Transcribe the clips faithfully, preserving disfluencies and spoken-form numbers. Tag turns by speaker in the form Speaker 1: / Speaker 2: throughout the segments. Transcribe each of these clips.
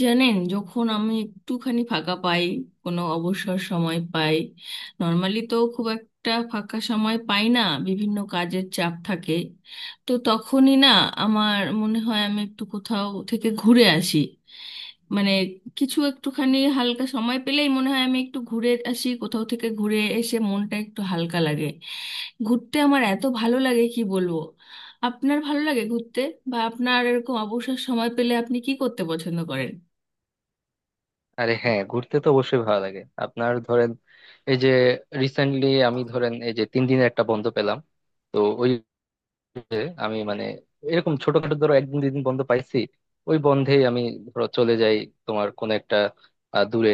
Speaker 1: জানেন, যখন আমি একটুখানি ফাঁকা পাই, কোনো অবসর সময় পাই। নর্মালি তো খুব একটা ফাঁকা সময় পাই না, বিভিন্ন কাজের চাপ থাকে। তো তখনই না আমার মনে হয় আমি একটু কোথাও থেকে ঘুরে আসি। মানে কিছু একটুখানি হালকা সময় পেলেই মনে হয় আমি একটু ঘুরে আসি, কোথাও থেকে ঘুরে এসে মনটা একটু হালকা লাগে। ঘুরতে আমার এত ভালো লাগে কি বলবো! আপনার ভালো লাগে ঘুরতে? বা আপনার এরকম অবসর সময় পেলে আপনি কি করতে পছন্দ করেন?
Speaker 2: আরে, হ্যাঁ, ঘুরতে তো অবশ্যই ভালো লাগে। আপনার ধরেন এই যে রিসেন্টলি আমি ধরেন এই যে তিন দিনের একটা বন্ধ পেলাম। তো ওই যে আমি মানে এরকম ছোটখাটো ধরো একদিন দুই দিন বন্ধ পাইছি, ওই বন্ধেই আমি ধরো চলে যাই তোমার কোন একটা আহ, দূরে।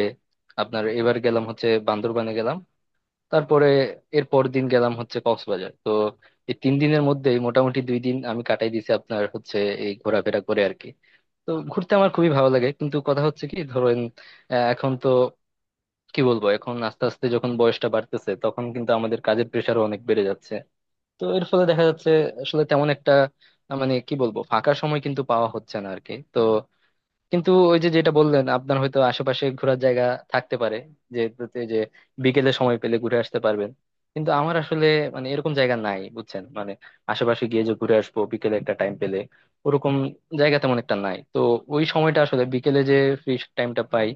Speaker 2: আপনার এবার গেলাম হচ্ছে বান্দরবানে গেলাম, তারপরে এর পর দিন গেলাম হচ্ছে কক্সবাজার। তো এই তিন দিনের মধ্যেই মোটামুটি দুই দিন আমি কাটাই দিয়েছি আপনার হচ্ছে এই ঘোরাফেরা করে আর কি। তো ঘুরতে আমার খুবই ভালো লাগে, কিন্তু কথা হচ্ছে কি ধরেন, আহ, এখন তো কি বলবো, এখন আস্তে আস্তে যখন বয়সটা বাড়তেছে তখন কিন্তু আমাদের কাজের প্রেশারও অনেক বেড়ে যাচ্ছে। তো এর ফলে দেখা যাচ্ছে আসলে তেমন একটা আহ, মানে কি বলবো, ফাঁকা সময় কিন্তু পাওয়া হচ্ছে না আরকি। তো কিন্তু ওই যে যেটা বললেন, আপনার হয়তো আশেপাশে ঘোরার জায়গা থাকতে পারে, যে এই যে বিকেলে সময় পেলে ঘুরে আসতে পারবেন। কিন্তু আমার আসলে মানে এরকম জায়গা নাই, বুঝছেন? মানে আশেপাশে গিয়ে যে ঘুরে আসবো বিকেলে একটা টাইম পেলে, ওরকম জায়গা তেমন একটা নাই। তো ওই সময়টা আসলে বিকেলে যে ফ্রি টাইমটা পাই,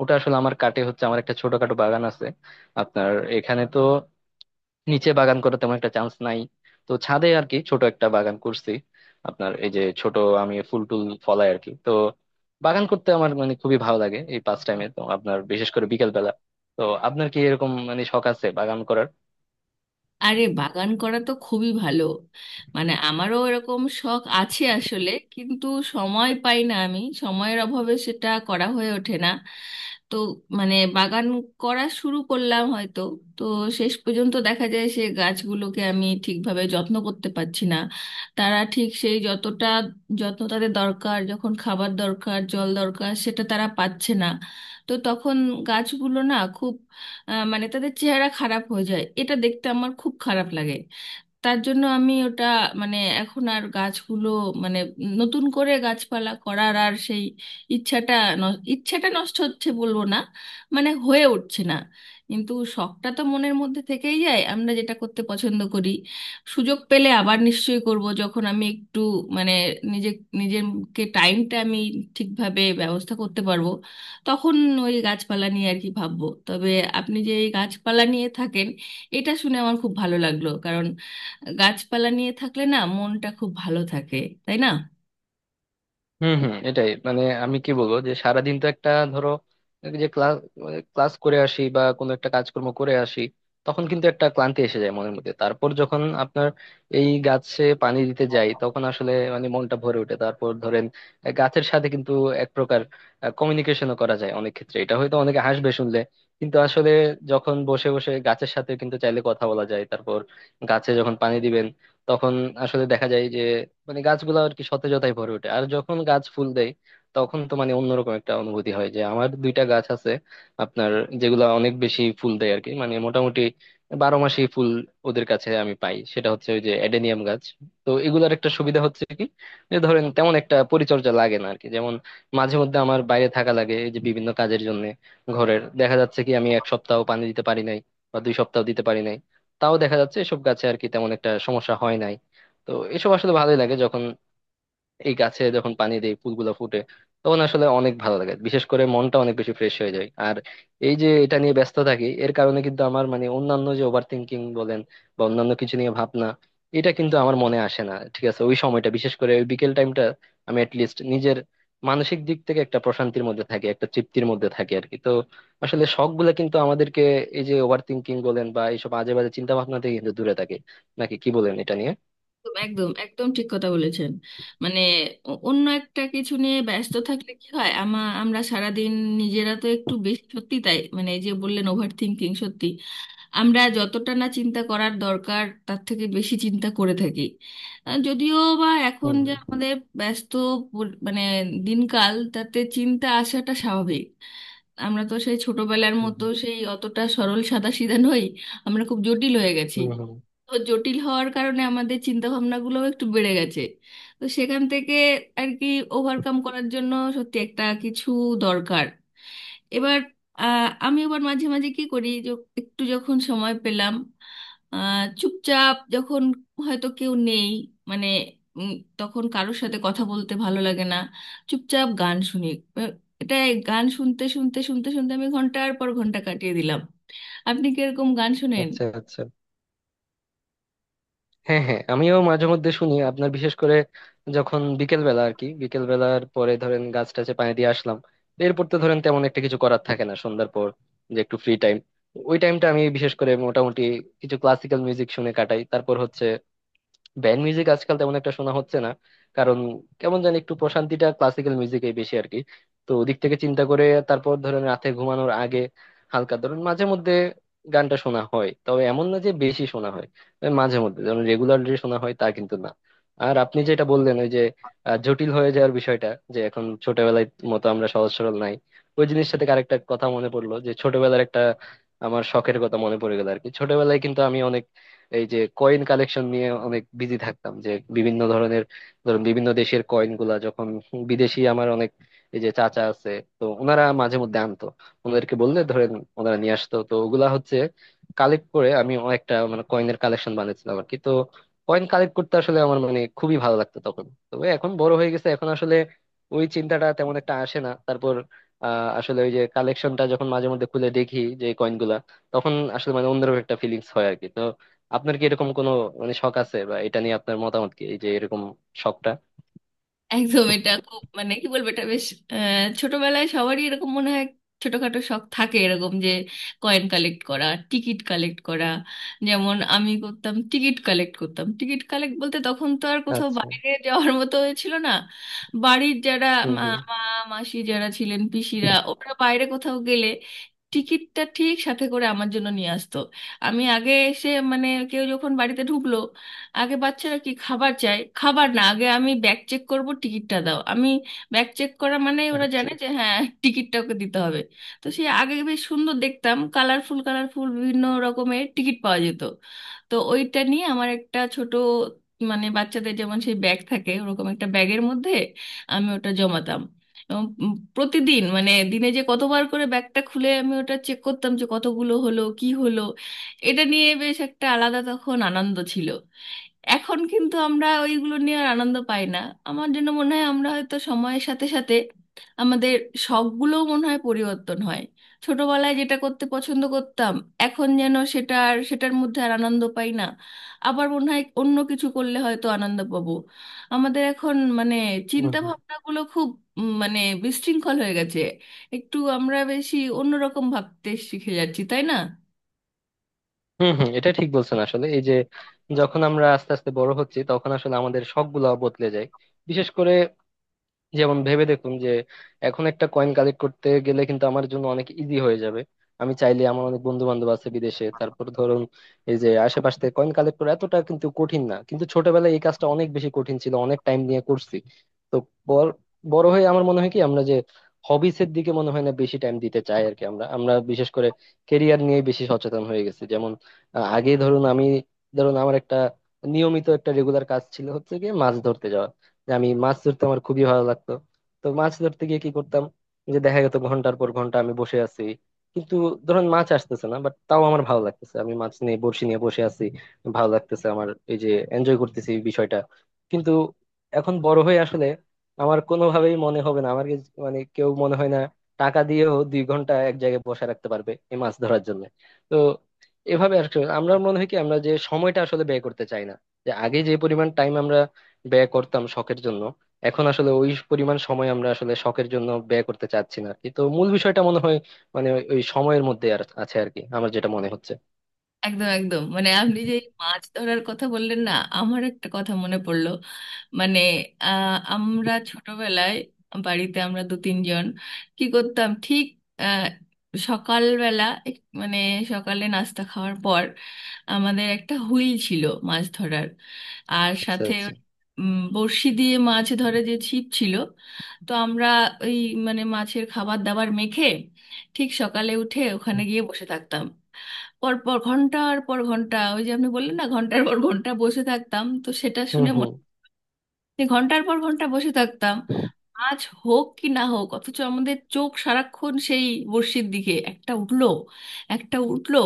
Speaker 2: ওটা আসলে আমার কাটে হচ্ছে, আমার একটা ছোটখাটো বাগান আছে আপনার। এখানে তো নিচে বাগান করার তেমন একটা চান্স নাই, তো ছাদে আর কি ছোট একটা বাগান করছি আপনার। এই যে ছোট আমি ফুল টুল ফলাই আর কি। তো বাগান করতে আমার মানে খুবই ভালো লাগে এই পাঁচ টাইমে তো আপনার, বিশেষ করে বিকেল বেলা। তো আপনার কি এরকম মানে শখ আছে বাগান করার?
Speaker 1: আরে বাগান করা তো খুবই ভালো। মানে আমারও এরকম শখ আছে আসলে, কিন্তু সময় পাই না, আমি সময়ের অভাবে সেটা করা হয়ে ওঠে না। তো মানে বাগান করা শুরু করলাম হয়তো, তো শেষ পর্যন্ত দেখা যায় সে গাছগুলোকে আমি ঠিকভাবে যত্ন করতে পারছি না। তারা ঠিক সেই যতটা যত্ন তাদের দরকার, যখন খাবার দরকার, জল দরকার, সেটা তারা পাচ্ছে না। তো তখন গাছগুলো না খুব আহ, মানে তাদের চেহারা খারাপ হয়ে যায়, এটা দেখতে আমার খুব খারাপ লাগে। তার জন্য আমি ওটা মানে এখন আর গাছগুলো মানে নতুন করে গাছপালা করার আর সেই ইচ্ছাটা ন- ইচ্ছাটা নষ্ট হচ্ছে বলবো না, মানে হয়ে উঠছে না। কিন্তু শখটা তো মনের মধ্যে থেকেই যায়, আমরা যেটা করতে পছন্দ করি। সুযোগ পেলে আবার নিশ্চয়ই করব, যখন আমি একটু মানে নিজে নিজেকে টাইমটা আমি ঠিকভাবে ব্যবস্থা করতে পারবো, তখন ওই গাছপালা নিয়ে আর কি ভাববো। তবে আপনি যে এই গাছপালা নিয়ে থাকেন, এটা শুনে আমার খুব ভালো লাগলো। গাছপালা নিয়ে থাকলে না মনটা খুব ভালো থাকে, তাই না?
Speaker 2: হুম, হুম, এটাই। মানে আমি কি বলবো, যে সারাদিন তো একটা ধরো এই যে ক্লাস ক্লাস করে আসি বা কোনো একটা কাজকর্ম করে আসি, তখন কিন্তু একটা ক্লান্তি এসে যায় মনের মধ্যে। তারপর যখন আপনার এই গাছে পানি দিতে যাই তখন আসলে মানে মনটা ভরে ওঠে। তারপর ধরেন আহ, গাছের সাথে কিন্তু এক প্রকার কমিউনিকেশনও করা যায় অনেক ক্ষেত্রে, এটা হয়তো অনেকে হাসবে শুনলে। কিন্তু আসলে যখন বসে বসে গাছের সাথে কিন্তু চাইলে কথা বলা যায়। তারপর গাছে যখন পানি দিবেন তখন আসলে দেখা যায় যে মানে গাছগুলো আর কি সতেজতায় ভরে ওঠে। আর যখন গাছ ফুল দেয় তখন তো মানে অন্যরকম একটা অনুভূতি হয়। যে আমার দুইটা গাছ আছে আপনার, যেগুলা অনেক বেশি ফুল দেয় আর কি, মানে মোটামুটি বারো মাসই ফুল ওদের কাছে আমি পাই, সেটা হচ্ছে ওই যে এডেনিয়াম গাছ। তো এগুলার একটা সুবিধা হচ্ছে কি, যে ধরেন তেমন একটা পরিচর্যা লাগে না আর কি। যেমন মাঝে মধ্যে আমার বাইরে থাকা লাগে এই যে বিভিন্ন কাজের জন্য, ঘরের দেখা যাচ্ছে কি আমি এক সপ্তাহ পানি দিতে পারি নাই বা দুই সপ্তাহ দিতে পারি নাই, তাও দেখা যাচ্ছে এসব গাছে আর কি তেমন একটা সমস্যা হয় নাই। তো এসব আসলে ভালোই লাগে যখন এই গাছে যখন পানি দেই ফুলগুলো ফুটে, তখন আসলে অনেক ভালো লাগে, বিশেষ করে মনটা অনেক বেশি ফ্রেশ হয়ে যায়। আর এই যে এটা নিয়ে ব্যস্ত থাকি এর কারণে কিন্তু আমার মানে অন্যান্য যে ওভার থিঙ্কিং বলেন বা অন্যান্য কিছু নিয়ে ভাবনা, এটা কিন্তু আমার মনে আসে না। ঠিক আছে ওই সময়টা বিশেষ করে ওই বিকেল টাইমটা আমি অ্যাটলিস্ট নিজের মানসিক দিক থেকে একটা প্রশান্তির মধ্যে থাকি, একটা তৃপ্তির মধ্যে থাকি আর কি। তো আসলে শখ গুলা কিন্তু আমাদেরকে এই যে ওভার থিঙ্কিং বলেন বা এইসব আজে বাজে চিন্তা ভাবনা থেকে কিন্তু দূরে থাকে, নাকি কি বলেন এটা নিয়ে?
Speaker 1: একদম, একদম, একদম ঠিক কথা বলেছেন। মানে অ- অন্য একটা কিছু নিয়ে ব্যস্ত থাকলে কি হয়, আমা আমরা সারাদিন নিজেরা তো একটু বেশি, সত্যি তাই। মানে এই যে বললেন ওভার থিঙ্কিং, সত্যি আমরা যতটা না চিন্তা করার দরকার তার থেকে বেশি চিন্তা করে থাকি। আহ, যদিও বা এখন
Speaker 2: হুম,
Speaker 1: যে
Speaker 2: হুম,
Speaker 1: আমাদের ব্যস্ত পর- মানে দিনকাল, তাতে চিন্তা আসাটা স্বাভাবিক। আমরা তো সেই ছোটবেলার মতো
Speaker 2: হুম,
Speaker 1: সেই অতটা সরল সাদাসিধা নই, আমরা খুব জটিল হয়ে গেছি।
Speaker 2: হুম, হুম।
Speaker 1: তো জটিল হওয়ার কারণে আমাদের চিন্তা ভাবনাগুলোও একটু বেড়ে গেছে। তো সেখান থেকে আর কি ওভারকাম করার জন্য সত্যি একটা কিছু দরকার। এবার আহ, আমি আবার মাঝে মাঝে কি করি যে একটু যখন সময় পেলাম, আহ, চুপচাপ যখন হয়তো কেউ নেই, মানে উম, তখন কারোর সাথে কথা বলতে ভালো লাগে না, চুপচাপ গান শুনি। আহ, এটা, এই গান শুনতে শুনতে শুনতে শুনতে আমি ঘন্টার পর ঘন্টা কাটিয়ে দিলাম। আপনি কি এরকম গান শোনেন?
Speaker 2: আচ্ছা, আচ্ছা। হ্যাঁ, হ্যাঁ, আমিও মাঝে মধ্যে শুনি আপনার, বিশেষ করে যখন বিকেল বেলা আর কি, বিকেল বেলার পরে ধরেন গাছ টাছে পানি দিয়ে আসলাম, এরপর তো ধরেন তেমন একটা কিছু করার থাকে না সন্ধ্যার পর, যে একটু ফ্রি টাইম। ওই টাইমটা আমি বিশেষ করে মোটামুটি কিছু ক্লাসিক্যাল মিউজিক শুনে কাটাই। তারপর হচ্ছে ব্যান্ড মিউজিক আজকাল তেমন একটা শোনা হচ্ছে না, কারণ কেমন জানি একটু প্রশান্তিটা ক্লাসিক্যাল মিউজিকেই বেশি আর কি। তো ওদিক থেকে চিন্তা করে তারপর ধরেন রাতে ঘুমানোর আগে হালকা ধরেন মাঝে মধ্যে গানটা শোনা হয়, তবে এমন না যে বেশি শোনা হয়। তবে মাঝে মধ্যে ধরেন রেগুলারলি শোনা হয় তা কিন্তু না। আর আপনি যেটা বললেন ওই যে আহ, জটিল হয়ে যাওয়ার বিষয়টা, যে এখন ছোটবেলায় মতো আমরা সহজ সরল নাই। ওই জিনিসটা থেকে আরেকটা কথা মনে পড়লো, যে ছোটবেলার একটা আমার শখের কথা মনে পড়ে গেল আর কি। ছোটবেলায় কিন্তু আমি এই যে কয়েন কালেকশন নিয়ে অনেক বিজি থাকতাম, যে বিভিন্ন ধরনের ধরুন বিভিন্ন দেশের কয়েন গুলা যখন বিদেশি আমার অনেক এই যে চাচা আছে, তো ওনারা মাঝে মধ্যে আনতো, ওনাদেরকে বললে ধরেন ওনারা নিয়ে আসতো। তো ওগুলা হচ্ছে কালেক্ট করে আমি একটা মানে কয়েনের কালেকশন বানিয়েছিলাম আর কি। তো কয়েন কালেক্ট করতে আসলে আমার মানে খুবই ভালো লাগতো তখন, তবে এখন বড় হয়ে গেছে, এখন আসলে ওই চিন্তাটা তেমন একটা আসে না। তারপর আহ আসলে ওই যে কালেকশনটা যখন মাঝে মধ্যে খুলে দেখি যে কয়েন গুলা, তখন আসলে মানে অন্যরকম একটা ফিলিংস হয় আর কি। তো আপনার কি এরকম কোনো মানে শখ আছে, বা এটা নিয়ে আপনার মতামত কি এই যে এরকম শখটা?
Speaker 1: একদম, এটা খুব মানে কি বলবো, এটা বেশ। আহ, ছোটবেলায় সবারই এরকম মনে হয়, ছোটখাটো শখ থাকে এরকম যে কয়েন কালেক্ট করা, টিকিট কালেক্ট করা। যেমন আমি করতাম, টিকিট কালেক্ট করতাম। টিকিট কালেক্ট বলতে তখন তো আর কোথাও
Speaker 2: আচ্ছা,
Speaker 1: বাইরে যাওয়ার মতো হয়েছিল না। বাড়ির যারা
Speaker 2: হুম,
Speaker 1: মা
Speaker 2: হুম।
Speaker 1: মা, মাসি যারা ছিলেন, পিসিরা, ওরা বাইরে কোথাও গেলে টিকিটটা ঠিক সাথে করে আমার জন্য নিয়ে আসতো। আমি আগে এসে মানে কেউ যখন বাড়িতে ঢুকলো, আগে বাচ্চারা কি খাবার চায়, খাবার না, আগে আমি ব্যাগ চেক করব, টিকিটটা দাও, আমি ব্যাগ চেক করা, মানে ওরা
Speaker 2: আচ্ছা,
Speaker 1: জানে যে হ্যাঁ টিকিটটা ওকে দিতে হবে। তো সেই আগে বেশ সুন্দর দেখতাম কালারফুল কালারফুল বিভিন্ন রকমের টিকিট পাওয়া যেত। তো ওইটা নিয়ে আমার একটা ছোট মানে বাচ্চাদের যেমন সেই ব্যাগ থাকে, ওরকম একটা ব্যাগের মধ্যে আমি ওটা জমাতাম। এবং উম প্রতিদিন মানে দিনে যে কতবার করে ব্যাগটা খুলে আমি ওটা চেক করতাম যে কতগুলো হলো কি হলো। এটা নিয়ে বেশ একটা আলাদা তখন আনন্দ ছিল। এখন কিন্তু আমরা ওইগুলো নিয়ে আর আনন্দ পাই না। আমার জন্য মনে হয় আমরা হয়তো সময়ের সাথে সাথে আমাদের শখগুলোও মনে হয় পরিবর্তন হয়। ছোটবেলায় যেটা করতে পছন্দ করতাম, এখন যেন সেটা আর, সেটার মধ্যে আর আনন্দ পাই না। আবার মনে হয় অন্য কিছু করলে হয়তো আনন্দ পাবো। আমাদের এখন মানে
Speaker 2: হুম,
Speaker 1: চিন্তা
Speaker 2: হুম,
Speaker 1: ভাবনাগুলো খুব উম, মানে বিশৃঙ্খল হয়ে গেছে, একটু আমরা বেশি অন্যরকম ভাবতে শিখে যাচ্ছি, তাই না?
Speaker 2: হুম, হুম। এটা ঠিক বলছেন আসলে। এই যে যখন আমরা আস্তে আস্তে বড় হচ্ছি তখন আসলে আমাদের শখ গুলা বদলে যায়, বিশেষ করে। যেমন ভেবে দেখুন, যে এখন একটা কয়েন কালেক্ট করতে গেলে কিন্তু আমার জন্য অনেক ইজি হয়ে যাবে। আমি চাইলে আমার অনেক বন্ধু বান্ধব আছে বিদেশে, তারপর ধরুন এই যে আশেপাশ থেকে কয়েন কালেক্ট করা এতটা কিন্তু কঠিন না, কিন্তু ছোটবেলায় এই কাজটা অনেক বেশি কঠিন ছিল, অনেক টাইম নিয়ে করছি। তো বড় বড় হয়ে আমার মনে হয় কি আমরা যে হবিস এর দিকে মনে হয় না বেশি টাইম দিতে চাই আর কি। আমরা আমরা বিশেষ করে কেরিয়ার নিয়ে বেশি সচেতন হয়ে গেছি। যেমন আহ, আগে ধরুন আমি ধরুন আমার একটা নিয়মিত একটা রেগুলার কাজ ছিল হচ্ছে গিয়ে মাছ ধরতে যাওয়া, যে আমি মাছ ধরতে আমার খুবই ভালো লাগতো। তো মাছ ধরতে গিয়ে কি করতাম, যে দেখা যেত ঘন্টার পর ঘন্টা আমি বসে আছি, কিন্তু ধরেন মাছ আসতেছে না বাট তাও আমার ভালো লাগতেছে, আমি মাছ নিয়ে বড়শি নিয়ে বসে আছি, ভালো লাগতেছে আমার এই যে এনজয় করতেছি এই বিষয়টা। কিন্তু এখন বড় হয়ে আসলে আমার কোনোভাবেই মনে হবে না, আমার কাছে মানে কেউ মনে হয় না টাকা দিয়েও দুই ঘন্টা এক জায়গায় বসে রাখতে পারবে এই মাছ ধরার জন্য। তো এভাবে আর কি আমরা মনে হয় কি আমরা যে সময়টা আসলে ব্যয় করতে চাই না, যে আগে যে পরিমাণ টাইম আমরা ব্যয় করতাম শখের জন্য, এখন আসলে ওই পরিমাণ সময় আমরা আসলে শখের জন্য ব্যয় করতে চাচ্ছি না। কিন্তু মূল বিষয়টা মনে হয় মানে ওই ওই সময়ের মধ্যে আর আছে আর কি, আমার যেটা মনে হচ্ছে।
Speaker 1: একদম, একদম। মানে আপনি যে এই মাছ ধরার কথা বললেন না, আমার একটা কথা মনে পড়লো। মানে আহ, আমরা ছোটবেলায় বাড়িতে আমরা দু তিনজন কি করতাম ঠিক, আহ, সকালবেলা এক- মানে সকালে নাস্তা খাওয়ার পর আমাদের একটা হুইল ছিল, মাছ ধরার। আর
Speaker 2: আচ্ছা,
Speaker 1: সাথে
Speaker 2: আচ্ছা,
Speaker 1: উম, বড়শি দিয়ে মাছ ধরে, যে ছিপ ছিল। তো আমরা ওই মানে মাছের খাবার দাবার মেখে ঠিক সকালে উঠে ওখানে গিয়ে বসে থাকতাম, পর পর ঘন্টার পর ঘন্টা। ওই যে আপনি বললেন না ঘন্টার পর ঘন্টা বসে থাকতাম, তো সেটা
Speaker 2: হুম,
Speaker 1: শুনে
Speaker 2: হুম,
Speaker 1: মনে, যে ঘন্টার পর ঘন্টা বসে থাকতাম, মাছ হোক কি না হোক, অথচ আমাদের চোখ সারাক্ষণ সেই বড়শির দিকে। একটা উঠলো, একটা উঠলো,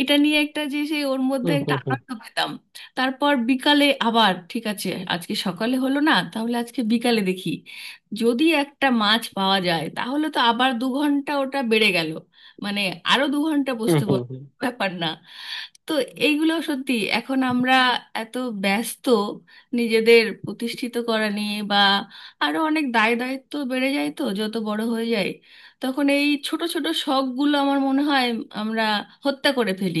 Speaker 1: এটা নিয়ে একটা, যে সেই ওর মধ্যে
Speaker 2: হুম,
Speaker 1: একটা
Speaker 2: হুম, হুম,
Speaker 1: আনন্দ পেতাম। তারপর বিকালে আবার ঠিক আছে, আজকে সকালে হলো না, তাহলে আজকে বিকালে দেখি। যদি একটা মাছ পাওয়া যায়, তাহলে তো আবার দু ঘন্টা ওটা বেড়ে গেল। মানে আরো দু ঘন্টা
Speaker 2: হুম,
Speaker 1: বসতে
Speaker 2: হুম,
Speaker 1: পার,
Speaker 2: হুম,
Speaker 1: ব্যাপার না। তো এইগুলো সত্যি, এখন আমরা এত ব্যস্ত নিজেদের প্রতিষ্ঠিত করা নিয়ে বা আরো অনেক দায় দায়িত্ব বেড়ে যায় তো যত বড় হয়ে যায়, তখন এই ছোট ছোট শখগুলো আমার মনে হয় আমরা হত্যা করে ফেলি,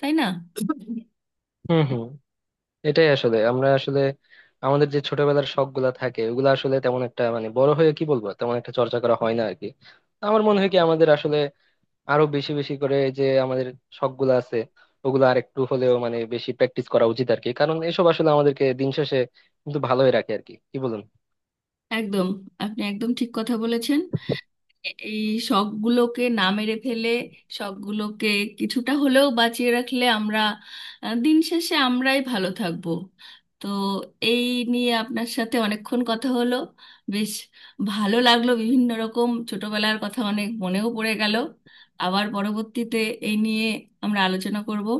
Speaker 1: তাই না?
Speaker 2: হুম, হুম। এটাই আসলে, আমরা আসলে আমাদের যে ছোটবেলার শখ গুলা থাকে ওগুলা আসলে তেমন একটা মানে বড় হয়ে কি বলবো তেমন একটা চর্চা করা হয় না আর কি। আমার মনে হয় কি আমাদের আসলে আরো বেশি বেশি করে যে আমাদের শখ গুলো আছে ওগুলো আর একটু হলেও মানে বেশি প্র্যাকটিস করা উচিত আর কি, কারণ এসব আসলে আমাদেরকে দিন শেষে কিন্তু ভালোই রাখে আর কি, কি বলুন?
Speaker 1: একদম, আপনি একদম ঠিক কথা বলেছেন। এই শখগুলোকে না মেরে ফেলে, শখগুলোকে কিছুটা হলেও বাঁচিয়ে রাখলে আমরা আহ, দিন শেষে আমরাই ভালো থাকবো। তো এই নিয়ে আপনার সাথে অনেকক্ষণ কথা হলো, বেশ ভালো লাগলো, বিভিন্ন রকম ছোটবেলার কথা অনেক মনেও পড়ে গেল। আবার পরবর্তীতে এই নিয়ে আমরা আলোচনা করব।